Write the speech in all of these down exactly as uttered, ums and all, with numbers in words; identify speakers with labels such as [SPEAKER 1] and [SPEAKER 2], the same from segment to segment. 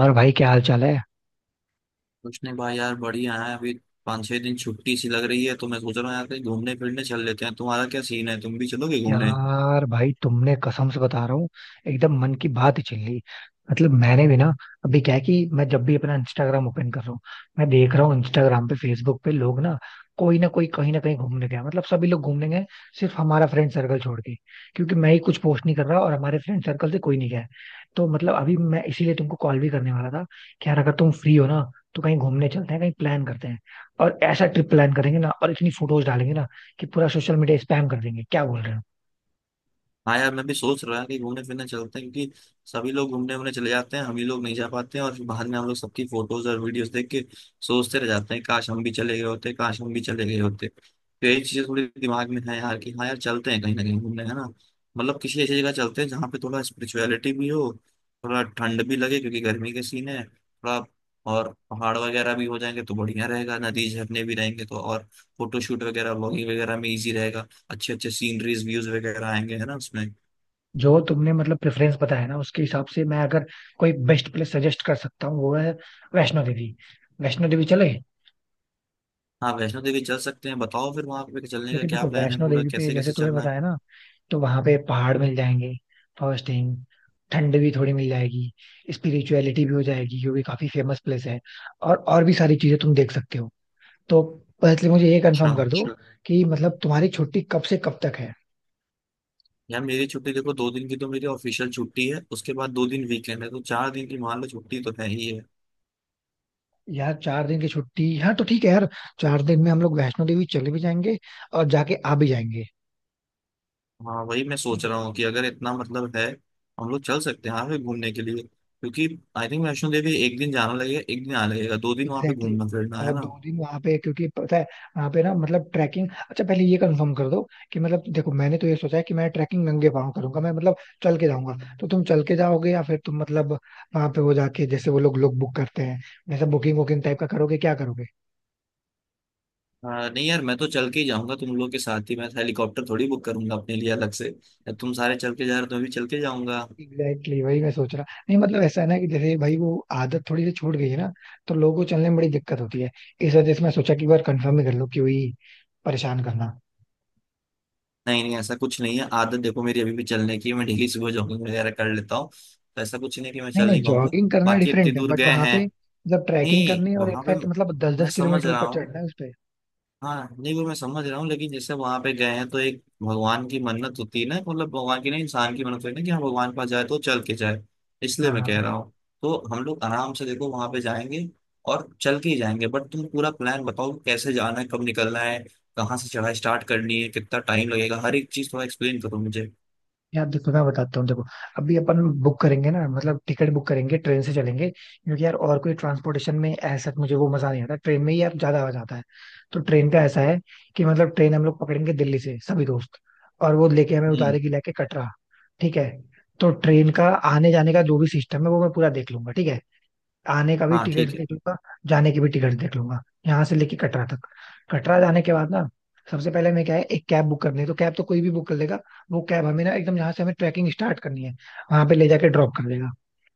[SPEAKER 1] और भाई क्या हाल चाल है?
[SPEAKER 2] कुछ नहीं भाई, यार बढ़िया है। अभी पाँच छह दिन छुट्टी सी लग रही है, तो मैं सोच रहा हूँ यार कहीं घूमने फिरने चल लेते हैं। तुम्हारा क्या सीन है, तुम भी चलोगे घूमने?
[SPEAKER 1] यार भाई तुमने कसम से बता रहा हूँ, एकदम मन की बात ही छिल ली। मतलब मैंने भी ना, अभी क्या है कि मैं जब भी अपना इंस्टाग्राम ओपन कर रहा हूँ, मैं देख रहा हूँ इंस्टाग्राम पे, फेसबुक पे, लोग ना, कोई ना कोई कहीं ना कहीं घूमने गया, मतलब सभी लोग घूमने गए, सिर्फ हमारा फ्रेंड सर्कल छोड़ के, क्योंकि मैं ही कुछ पोस्ट नहीं कर रहा और हमारे फ्रेंड सर्कल से कोई नहीं गया है। तो मतलब अभी मैं इसीलिए तुमको कॉल भी करने वाला था कि यार अगर तुम फ्री हो ना तो कहीं घूमने चलते हैं, कहीं प्लान करते हैं। और ऐसा ट्रिप प्लान करेंगे ना और इतनी फोटोज डालेंगे ना कि पूरा सोशल मीडिया स्पैम कर देंगे। क्या बोल रहे हो?
[SPEAKER 2] हाँ यार, मैं भी सोच रहा कि घूमने फिरने चलते हैं, क्योंकि सभी लोग घूमने वूमने चले जाते हैं, हम ही लोग नहीं जा पाते हैं। और फिर बाद में हम लोग सबकी फोटोज और वीडियोस देख के सोचते रह जाते हैं काश हम भी चले गए होते, काश हम भी चले गए होते। तो यही चीजें थोड़ी दिमाग में है यार, कि हाँ यार चलते हैं कहीं ना कहीं घूमने, है ना। मतलब किसी ऐसी जगह चलते हैं जहाँ पे थोड़ा स्पिरिचुअलिटी भी हो, थोड़ा ठंड भी लगे, क्योंकि गर्मी के सीन है थोड़ा। और पहाड़ वगैरह भी हो जाएंगे तो बढ़िया रहेगा, नदी झरने भी रहेंगे तो, और फोटो शूट वगैरह व्लॉगिंग वगैरह में इजी रहेगा। अच्छे अच्छे सीनरीज व्यूज वगैरह आएंगे, है ना उसमें।
[SPEAKER 1] जो तुमने मतलब प्रेफरेंस बताया ना उसके हिसाब से मैं अगर कोई बेस्ट प्लेस सजेस्ट कर सकता हूँ, वो है वैष्णो देवी। वैष्णो देवी चले?
[SPEAKER 2] हाँ, वैष्णो देवी चल सकते हैं। बताओ फिर वहां पे चलने का
[SPEAKER 1] क्योंकि
[SPEAKER 2] क्या
[SPEAKER 1] देखो
[SPEAKER 2] प्लान है,
[SPEAKER 1] वैष्णो
[SPEAKER 2] पूरा
[SPEAKER 1] देवी पे
[SPEAKER 2] कैसे
[SPEAKER 1] जैसे
[SPEAKER 2] कैसे
[SPEAKER 1] तुम्हें
[SPEAKER 2] चलना है।
[SPEAKER 1] बताया ना, तो वहां पे पहाड़ मिल जाएंगे, फर्स्ट थिंग। ठंड भी थोड़ी मिल जाएगी, स्पिरिचुअलिटी भी हो जाएगी क्योंकि काफी फेमस प्लेस है, और और भी सारी चीजें तुम देख सकते हो। तो पहले मुझे ये
[SPEAKER 2] अच्छा,
[SPEAKER 1] कंफर्म कर दो, अच्छा, कि मतलब तुम्हारी छुट्टी कब से कब तक है?
[SPEAKER 2] यार मेरी छुट्टी देखो, दो दिन की तो मेरी ऑफिशियल छुट्टी है, उसके बाद दो दिन वीकेंड है, तो चार दिन की मान लो छुट्टी तो है ही है।
[SPEAKER 1] यार, चार दिन की छुट्टी, हाँ तो ठीक है यार, चार दिन में हम लोग वैष्णो देवी चले भी जाएंगे और जाके आ भी जाएंगे।
[SPEAKER 2] हाँ वही मैं
[SPEAKER 1] ठीक
[SPEAKER 2] सोच
[SPEAKER 1] है,
[SPEAKER 2] रहा हूँ कि अगर इतना मतलब है, हम लोग चल सकते हैं यहाँ पे घूमने के लिए, क्योंकि आई थिंक वैष्णो देवी एक दिन जाना लगेगा, एक दिन आना लगेगा, दो दिन वहाँ पे
[SPEAKER 1] एग्जैक्टली
[SPEAKER 2] घूमना
[SPEAKER 1] exactly.
[SPEAKER 2] फिरना,
[SPEAKER 1] और
[SPEAKER 2] है ना।
[SPEAKER 1] दो दिन वहां पे, क्योंकि पता है वहां पे ना मतलब ट्रैकिंग, अच्छा पहले ये कंफर्म कर दो कि मतलब देखो मैंने तो ये सोचा है कि मैं ट्रैकिंग नंगे पाँव करूंगा, मैं मतलब चल के जाऊंगा। तो तुम चल के जाओगे या फिर तुम मतलब वहां पे वो जाके जैसे वो लोग लोग बुक करते हैं, वैसा बुकिंग वुकिंग टाइप का करोगे? क्या करोगे?
[SPEAKER 2] हाँ नहीं यार, मैं तो चल के ही जाऊंगा तुम लोग के साथ ही। मैं तो हेलीकॉप्टर थोड़ी बुक करूंगा अपने लिए अलग से। या तुम सारे चल के जा रहे हो तो मैं भी चल के जाऊंगा।
[SPEAKER 1] एग्जैक्टली exactly, वही मैं सोच रहा। नहीं मतलब ऐसा है ना कि जैसे भाई वो आदत थोड़ी सी छूट गई है ना, तो लोगों को चलने में बड़ी दिक्कत होती है। इस वजह से मैं सोचा कि एक बार कंफर्म ही कर लो कि वही परेशान करना।
[SPEAKER 2] नहीं नहीं, ऐसा कुछ नहीं है। आदत देखो मेरी अभी भी चलने की है। मैं डेली सुबह जॉगिंग वगैरह कर लेता हूँ, तो ऐसा कुछ नहीं कि मैं
[SPEAKER 1] नहीं
[SPEAKER 2] चल
[SPEAKER 1] नहीं,
[SPEAKER 2] नहीं पाऊंगा।
[SPEAKER 1] जॉगिंग करना
[SPEAKER 2] बाकी इतनी
[SPEAKER 1] डिफरेंट है
[SPEAKER 2] दूर
[SPEAKER 1] बट
[SPEAKER 2] गए
[SPEAKER 1] वहां
[SPEAKER 2] हैं
[SPEAKER 1] पे मतलब ट्रैकिंग
[SPEAKER 2] नहीं
[SPEAKER 1] करनी है और
[SPEAKER 2] वहां पे।
[SPEAKER 1] इनफैक्ट मतलब दस
[SPEAKER 2] मैं
[SPEAKER 1] दस
[SPEAKER 2] समझ
[SPEAKER 1] किलोमीटर
[SPEAKER 2] रहा
[SPEAKER 1] ऊपर
[SPEAKER 2] हूँ।
[SPEAKER 1] चढ़ना है उस पे।
[SPEAKER 2] हाँ नहीं, वो मैं समझ रहा हूँ, लेकिन जैसे वहां पे गए हैं तो एक भगवान की मन्नत होती है ना, मतलब भगवान की नहीं, इंसान की मन्नत होती है ना, कि हाँ भगवान के पास जाए तो चल के जाए। इसलिए
[SPEAKER 1] हाँ
[SPEAKER 2] मैं कह
[SPEAKER 1] हाँ।
[SPEAKER 2] रहा हूँ। तो हम लोग आराम से देखो वहां पे जाएंगे और चल के ही जाएंगे, बट तुम पूरा प्लान बताओ कि कैसे जाना है, कब निकलना है, कहाँ से चढ़ाई स्टार्ट करनी है, कितना टाइम लगेगा, हर एक चीज थोड़ा एक्सप्लेन करो मुझे।
[SPEAKER 1] यार देखो मैं बताता हूँ, देखो अभी अपन बुक करेंगे ना, मतलब टिकट बुक करेंगे, ट्रेन से चलेंगे क्योंकि यार और कोई ट्रांसपोर्टेशन में ऐसा मुझे वो मजा नहीं आता, ट्रेन में ही यार ज्यादा आ जाता है। तो ट्रेन का ऐसा है कि मतलब ट्रेन हम लोग पकड़ेंगे दिल्ली से, सभी दोस्त, और वो लेके हमें
[SPEAKER 2] हम्म।
[SPEAKER 1] उतारेगी लेके कटरा। ठीक है? तो ट्रेन का आने जाने का जो भी सिस्टम है वो मैं पूरा देख लूंगा, ठीक है। आने का भी
[SPEAKER 2] हाँ,
[SPEAKER 1] टिकट
[SPEAKER 2] ठीक है।
[SPEAKER 1] देख लूंगा, जाने की भी टिकट देख लूंगा, यहाँ से लेके कटरा तक। कटरा जाने के बाद ना, सबसे पहले हमें क्या है, एक कैब बुक करनी है, तो कैब तो कोई भी बुक कर लेगा। वो कैब हमें ना एकदम जहाँ से हमें ट्रैकिंग स्टार्ट करनी है, वहां पे ले जाके ड्रॉप कर देगा।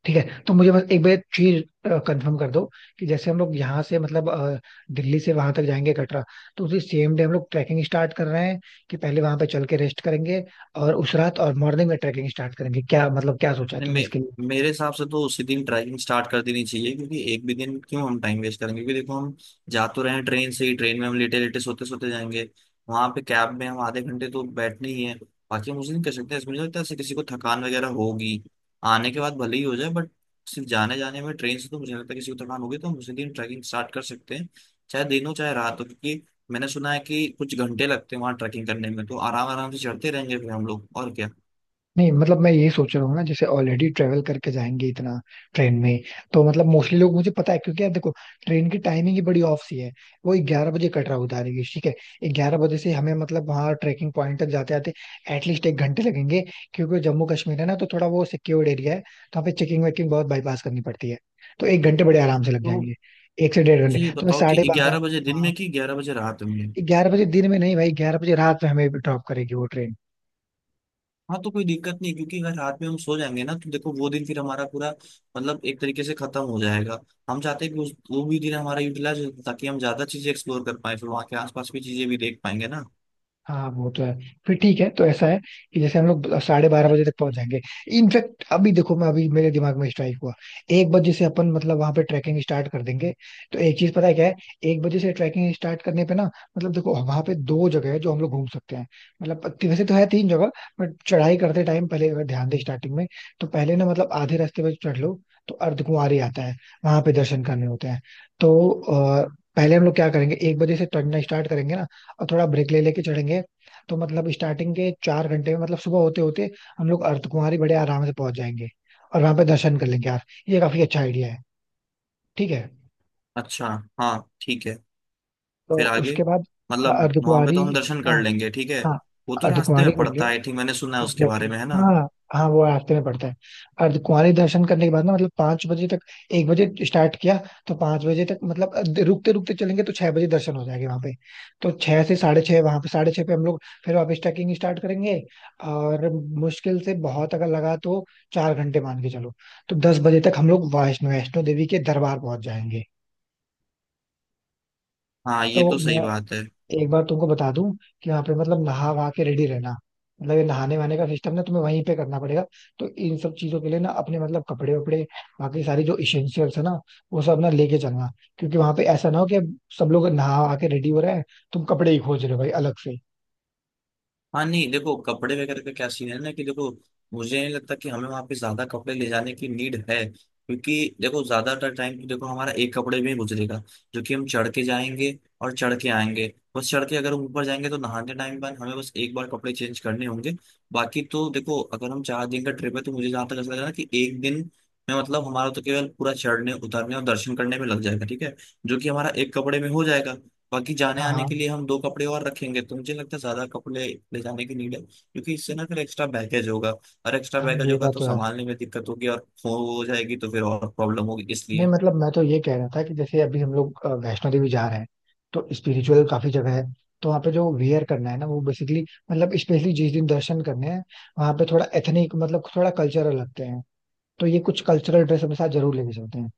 [SPEAKER 1] ठीक है, तो मुझे बस एक बार चीज कंफर्म कर दो कि जैसे हम लोग यहाँ से मतलब अ, दिल्ली से वहां तक जाएंगे, कटरा, तो उसी सेम डे हम लोग ट्रैकिंग स्टार्ट कर रहे हैं कि पहले वहां पे चल के रेस्ट करेंगे और उस रात और मॉर्निंग में ट्रैकिंग स्टार्ट करेंगे? क्या मतलब, क्या सोचा है
[SPEAKER 2] नहीं,
[SPEAKER 1] तुमने
[SPEAKER 2] मे,
[SPEAKER 1] इसके लिए?
[SPEAKER 2] मेरे हिसाब से तो उसी दिन ट्रैकिंग स्टार्ट कर देनी चाहिए, क्योंकि एक भी दिन क्यों हम टाइम वेस्ट करेंगे। क्योंकि देखो हम जा तो रहे हैं ट्रेन से ही, ट्रेन में हम लेटे लेटे सोते सोते जाएंगे, वहां पे कैब में हम आधे घंटे तो बैठने ही है। बाकी हम उसी दिन कर सकते हैं। इसमें मुझे लगता है ऐसे किसी को थकान वगैरह होगी आने के बाद भले ही हो जाए, बट सिर्फ जाने जाने में ट्रेन से तो मुझे लगता है किसी को थकान होगी। तो हम उसी दिन ट्रैकिंग स्टार्ट कर सकते हैं, चाहे दिन हो चाहे रात हो, क्योंकि मैंने सुना है कि कुछ घंटे लगते हैं वहां ट्रैकिंग करने में, तो आराम आराम से चढ़ते रहेंगे फिर हम लोग, और क्या।
[SPEAKER 1] नहीं मतलब मैं यही सोच रहा हूँ ना, जैसे ऑलरेडी ट्रेवल करके जाएंगे इतना ट्रेन में, तो मतलब मोस्टली लोग मुझे पता है क्योंकि यार देखो ट्रेन की टाइमिंग ही बड़ी ऑफ सी है। वो ग्यारह बजे कटरा उतारेगी, ठीक है, ग्यारह बजे से हमें मतलब वहाँ ट्रेकिंग पॉइंट तक जाते आते एटलीस्ट एक घंटे लगेंगे, क्योंकि जम्मू कश्मीर है ना तो थोड़ा वो सिक्योर्ड एरिया है, तो वहाँ पे चेकिंग वेकिंग बहुत बाईपास करनी पड़ती है। तो एक घंटे बड़े आराम से लग
[SPEAKER 2] तो
[SPEAKER 1] जाएंगे, एक से डेढ़ घंटे,
[SPEAKER 2] मुझे ये
[SPEAKER 1] तो मैं
[SPEAKER 2] बताओ कि
[SPEAKER 1] साढ़े बारह।
[SPEAKER 2] ग्यारह बजे दिन
[SPEAKER 1] हाँ,
[SPEAKER 2] में कि ग्यारह बजे रात में?
[SPEAKER 1] ग्यारह बजे दिन में नहीं भाई, ग्यारह बजे रात में हमें ड्रॉप करेगी वो ट्रेन।
[SPEAKER 2] हाँ तो कोई दिक्कत नहीं, क्योंकि अगर रात में हम सो जाएंगे ना तो देखो वो दिन फिर हमारा पूरा, मतलब एक तरीके से खत्म हो जाएगा। हम चाहते हैं कि उस, वो भी दिन हमारा यूटिलाइज हो, ताकि हम ज्यादा चीजें एक्सप्लोर कर पाए, फिर वहाँ के आसपास की चीजें भी देख पाएंगे ना।
[SPEAKER 1] हाँ वो तो है, फिर ठीक है। तो ऐसा है कि जैसे हम लोग साढ़े बारह बजे तक पहुंच जाएंगे। इनफैक्ट अभी देखो मैं, अभी मेरे दिमाग में स्ट्राइक हुआ, एक बजे से अपन मतलब वहां पे ट्रैकिंग स्टार्ट कर देंगे। तो एक चीज पता है क्या है, एक बजे से ट्रैकिंग स्टार्ट करने पे ना, मतलब देखो वहां पे दो जगह है जो हम लोग घूम सकते हैं, मतलब ती- वैसे तो है तीन जगह। बट चढ़ाई करते टाइम पहले अगर ध्यान दे स्टार्टिंग में, तो पहले ना मतलब आधे रास्ते पे चढ़ लो तो अर्धकुंवारी आता है, वहां पे दर्शन करने होते हैं। तो अ, पहले हम लोग क्या करेंगे, एक बजे से चढ़ना स्टार्ट करेंगे ना, और थोड़ा ब्रेक ले लेके चढ़ेंगे। तो मतलब स्टार्टिंग के चार घंटे में, मतलब सुबह होते होते हम लोग अर्धकुंवारी बड़े आराम से पहुंच जाएंगे और वहां पे दर्शन कर लेंगे। यार ये काफी अच्छा आइडिया है, ठीक है।
[SPEAKER 2] अच्छा। हाँ, ठीक है।
[SPEAKER 1] तो
[SPEAKER 2] फिर आगे
[SPEAKER 1] उसके बाद अ,
[SPEAKER 2] मतलब वहां पे
[SPEAKER 1] अर्धकुंवारी,
[SPEAKER 2] तो हम दर्शन
[SPEAKER 1] हाँ
[SPEAKER 2] कर लेंगे, ठीक है।
[SPEAKER 1] हाँ,
[SPEAKER 2] वो तो रास्ते
[SPEAKER 1] अर्धकुंवारी
[SPEAKER 2] में
[SPEAKER 1] कर लिया।
[SPEAKER 2] पड़ता है, आई थिंक मैंने सुना है उसके
[SPEAKER 1] एग्जैक्टली
[SPEAKER 2] बारे में, है
[SPEAKER 1] exactly.
[SPEAKER 2] ना।
[SPEAKER 1] हाँ, हाँ वो रास्ते में पड़ता है। अर्ध कुंवारी दर्शन करने के बाद ना, मतलब पांच बजे तक, एक बजे स्टार्ट किया तो पांच बजे तक, मतलब अ- रुकते रुकते चलेंगे तो छह बजे दर्शन हो जाएंगे वहां पे। तो छह से साढ़े छह वहां पे, साढ़े छह पे हम लोग फिर वापस ट्रैकिंग स्टार्ट करेंगे। और मुश्किल से बहुत अगर लगा तो चार घंटे मान के चलो, तो दस बजे तक हम लोग वैष्णो वैष्णो देवी के दरबार पहुंच जाएंगे।
[SPEAKER 2] हाँ ये
[SPEAKER 1] तो
[SPEAKER 2] तो सही
[SPEAKER 1] मैं
[SPEAKER 2] बात है।
[SPEAKER 1] एक बार तुमको बता दूं कि वहां पे मतलब नहा वहा के रेडी रहना। मतलब ये नहाने वहाने का सिस्टम ना तुम्हें वहीं पे करना पड़ेगा, तो इन सब चीजों के लिए ना अपने मतलब कपड़े वपड़े, बाकी सारी जो इसेंशियल्स है ना, वो सब ना लेके चलना। क्योंकि वहां पे ऐसा ना हो कि सब लोग नहा वहा के रेडी हो रहे हैं, तुम कपड़े ही खोज रहे हो भाई अलग से।
[SPEAKER 2] हाँ नहीं, देखो कपड़े वगैरह का क्या सीन है ना कि देखो, मुझे नहीं लगता कि हमें वहाँ पे ज्यादा कपड़े ले जाने की नीड है, क्योंकि देखो ज्यादातर टाइम तो देखो हमारा एक कपड़े में ही गुजरेगा, जो कि हम चढ़ के जाएंगे और चढ़ के आएंगे। बस चढ़ के अगर हम ऊपर जाएंगे तो नहाने टाइम बाद हमें बस एक बार कपड़े चेंज करने होंगे। बाकी तो देखो, अगर हम चार दिन का ट्रिप है तो मुझे जहाँ तक ऐसा लग रहा है कि एक दिन में मतलब हमारा तो केवल पूरा चढ़ने उतरने और दर्शन करने में लग जाएगा, ठीक है, जो कि हमारा एक कपड़े में हो जाएगा। बाकी जाने
[SPEAKER 1] हाँ
[SPEAKER 2] आने के
[SPEAKER 1] हाँ,
[SPEAKER 2] लिए हम दो कपड़े और रखेंगे, तो मुझे लगता है ज्यादा कपड़े ले जाने की नीड है, क्योंकि इससे ना फिर एक्स्ट्रा बैगेज होगा, और एक्स्ट्रा
[SPEAKER 1] हाँ,
[SPEAKER 2] बैगेज
[SPEAKER 1] ये
[SPEAKER 2] होगा
[SPEAKER 1] बात
[SPEAKER 2] तो
[SPEAKER 1] तो है।
[SPEAKER 2] संभालने में दिक्कत होगी, और खो हो जाएगी तो फिर और प्रॉब्लम होगी,
[SPEAKER 1] नहीं
[SPEAKER 2] इसलिए।
[SPEAKER 1] मतलब मैं तो ये कह रहा था कि जैसे अभी हम लोग अ, वैष्णो देवी जा रहे हैं, तो स्पिरिचुअल काफी जगह है, तो वहाँ पे जो वेयर करना है ना, वो बेसिकली मतलब स्पेशली जिस दिन दर्शन करने हैं, वहाँ पे थोड़ा एथनिक, मतलब थोड़ा कल्चरल लगते हैं, तो ये कुछ कल्चरल ड्रेस अपने साथ जरूर लेके चलते हैं,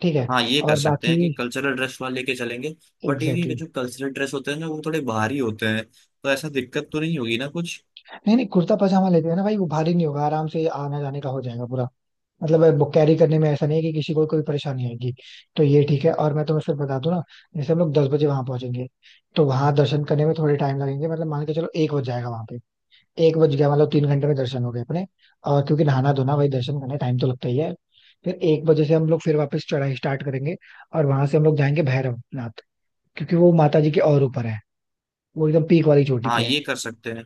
[SPEAKER 1] ठीक है।
[SPEAKER 2] हाँ, ये कर
[SPEAKER 1] और
[SPEAKER 2] सकते
[SPEAKER 1] बाकी,
[SPEAKER 2] हैं कि कल्चरल ड्रेस वाले लेके चलेंगे, बट ये
[SPEAKER 1] एग्जैक्टली
[SPEAKER 2] भी जो
[SPEAKER 1] exactly.
[SPEAKER 2] कल्चरल ड्रेस होते हैं ना, वो थोड़े बाहरी होते हैं, तो ऐसा दिक्कत तो नहीं होगी ना कुछ?
[SPEAKER 1] नहीं नहीं, कुर्ता पजामा लेते हैं ना भाई, वो भारी नहीं होगा, आराम से आना जाने का हो जाएगा पूरा। मतलब बुक कैरी करने में ऐसा नहीं है कि किसी को कोई परेशानी आएगी। तो ये ठीक है। और मैं तुम्हें सिर्फ बता दूं ना, जैसे हम लोग दस बजे वहां पहुंचेंगे, तो वहां दर्शन करने में थोड़े टाइम लगेंगे, मतलब मान के चलो एक बज जाएगा वहां पे। एक बज गया मतलब तीन घंटे में दर्शन हो गए अपने, और क्योंकि नहाना धोना भाई दर्शन करने टाइम तो लगता ही है। फिर एक बजे से हम लोग फिर वापस चढ़ाई स्टार्ट करेंगे, और वहां से हम लोग जाएंगे भैरवनाथ, क्योंकि वो माता जी के और ऊपर है, वो एकदम पीक वाली चोटी
[SPEAKER 2] हाँ
[SPEAKER 1] पे है।
[SPEAKER 2] ये कर सकते हैं।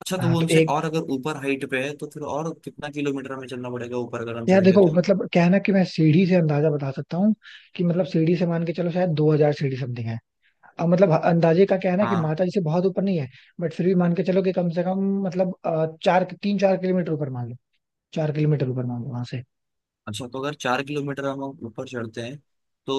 [SPEAKER 2] अच्छा तो
[SPEAKER 1] हाँ
[SPEAKER 2] वो
[SPEAKER 1] तो
[SPEAKER 2] उनसे,
[SPEAKER 1] एक,
[SPEAKER 2] और अगर ऊपर हाइट पे है तो फिर और कितना किलोमीटर हमें चलना पड़ेगा ऊपर, अगर हम
[SPEAKER 1] यार
[SPEAKER 2] चढ़ेंगे
[SPEAKER 1] देखो
[SPEAKER 2] तो?
[SPEAKER 1] मतलब क्या है ना कि मैं सीढ़ी से अंदाजा बता सकता हूँ कि मतलब सीढ़ी से मान के चलो शायद दो हज़ार सीढ़ी समथिंग है। अब मतलब अंदाजे का क्या है ना कि
[SPEAKER 2] हाँ।
[SPEAKER 1] माता जी से बहुत ऊपर नहीं है। बट फिर भी मान के चलो कि कम से कम मतलब अ, चार तीन चार किलोमीटर ऊपर मान लो। चार किलोमीटर ऊपर मान लो वहां से।
[SPEAKER 2] अच्छा, तो अगर चार किलोमीटर हम ऊपर चढ़ते हैं, तो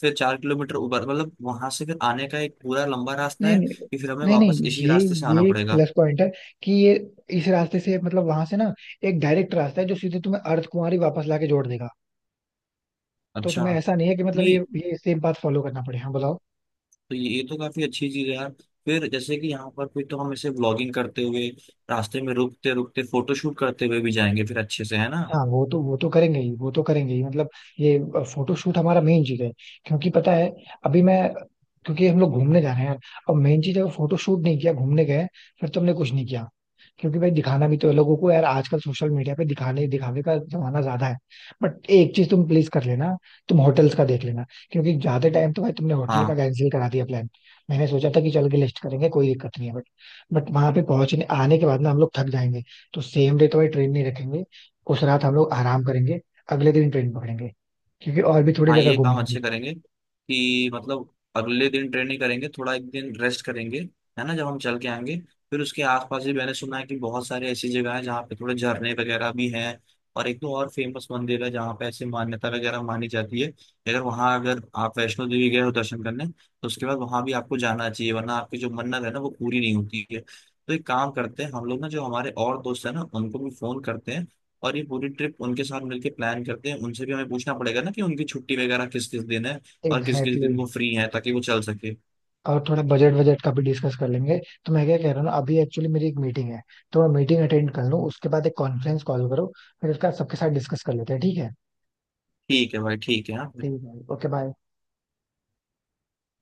[SPEAKER 2] फिर चार किलोमीटर ऊपर मतलब वहां से फिर आने का एक पूरा लंबा रास्ता
[SPEAKER 1] नहीं
[SPEAKER 2] है,
[SPEAKER 1] नहीं,
[SPEAKER 2] कि फिर हमें
[SPEAKER 1] नहीं नहीं,
[SPEAKER 2] वापस इसी
[SPEAKER 1] ये
[SPEAKER 2] रास्ते से आना
[SPEAKER 1] ये
[SPEAKER 2] पड़ेगा?
[SPEAKER 1] प्लस पॉइंट है कि ये, इस रास्ते से मतलब वहां से ना एक डायरेक्ट रास्ता है जो सीधे तुम्हें अर्धकुंवारी वापस लाके जोड़ देगा। तो
[SPEAKER 2] अच्छा।
[SPEAKER 1] तुम्हें ऐसा नहीं है कि मतलब ये
[SPEAKER 2] नहीं,
[SPEAKER 1] ये सेम पाथ फॉलो करना पड़े। हाँ,
[SPEAKER 2] तो ये, ये तो काफी अच्छी चीज है यार। फिर जैसे कि यहाँ पर फिर तो हम ऐसे व्लॉगिंग करते हुए, रास्ते में रुकते रुकते फोटोशूट करते हुए भी जाएंगे फिर अच्छे से, है ना।
[SPEAKER 1] हाँ वो तो, वो तो करेंगे ही, वो तो करेंगे ही, मतलब ये फोटोशूट हमारा मेन चीज है। क्योंकि पता है अभी मैं, क्योंकि हम लोग घूमने जा रहे हैं यार, अब मेन चीज है फोटोशूट नहीं किया घूमने गए फिर तुमने कुछ नहीं किया। क्योंकि भाई दिखाना भी तो है लोगों को, यार आजकल सोशल मीडिया पे दिखाने दिखावे का जमाना ज्यादा है। बट एक चीज तुम प्लीज कर लेना, तुम होटल्स का देख लेना, क्योंकि ज्यादा टाइम तो भाई तुमने होटल का
[SPEAKER 2] हाँ।
[SPEAKER 1] कैंसिल करा दिया प्लान। मैंने सोचा था कि चल के लिस्ट करेंगे, कोई दिक्कत नहीं है, बट बट वहां पे पहुंचने आने के बाद ना हम लोग थक जाएंगे, तो सेम डे तो भाई ट्रेन नहीं रखेंगे। उस रात हम लोग आराम करेंगे, अगले दिन ट्रेन पकड़ेंगे, क्योंकि और भी थोड़ी
[SPEAKER 2] हाँ
[SPEAKER 1] जगह
[SPEAKER 2] ये
[SPEAKER 1] घूम
[SPEAKER 2] काम
[SPEAKER 1] लेंगे।
[SPEAKER 2] अच्छे करेंगे, कि मतलब अगले दिन ट्रेनिंग करेंगे, थोड़ा एक दिन रेस्ट करेंगे, है ना, जब हम चल के आएंगे। फिर उसके आसपास भी मैंने सुना है कि बहुत सारे ऐसी जगह है जहाँ पे थोड़े झरने वगैरह भी हैं, और एक दो और फेमस मंदिर है जहाँ पे ऐसी मान्यता वगैरह मानी जाती है, अगर वहाँ, अगर आप वैष्णो देवी गए हो दर्शन करने तो उसके बाद वहाँ भी आपको जाना चाहिए, वरना आपकी जो मन्नत है ना वो पूरी नहीं होती है। तो एक काम करते हैं हम लोग ना, जो हमारे और दोस्त है ना उनको भी फोन करते हैं, और ये पूरी ट्रिप उनके साथ मिलके प्लान करते हैं। उनसे भी हमें पूछना पड़ेगा ना कि उनकी छुट्टी वगैरह किस किस दिन है, और किस किस
[SPEAKER 1] एग्जैक्टली।
[SPEAKER 2] दिन वो फ्री है, ताकि वो चल सके।
[SPEAKER 1] और थोड़ा बजट बजट का भी डिस्कस कर लेंगे। तो मैं क्या कह रहा हूँ ना, अभी एक्चुअली मेरी एक मीटिंग है, तो मैं मीटिंग अटेंड कर लूँ, उसके बाद एक कॉन्फ्रेंस कॉल करो, फिर उसका सबके साथ डिस्कस कर लेते हैं। ठीक है?
[SPEAKER 2] ठीक है भाई, ठीक है, हाँ।
[SPEAKER 1] ठीक है, ओके बाय।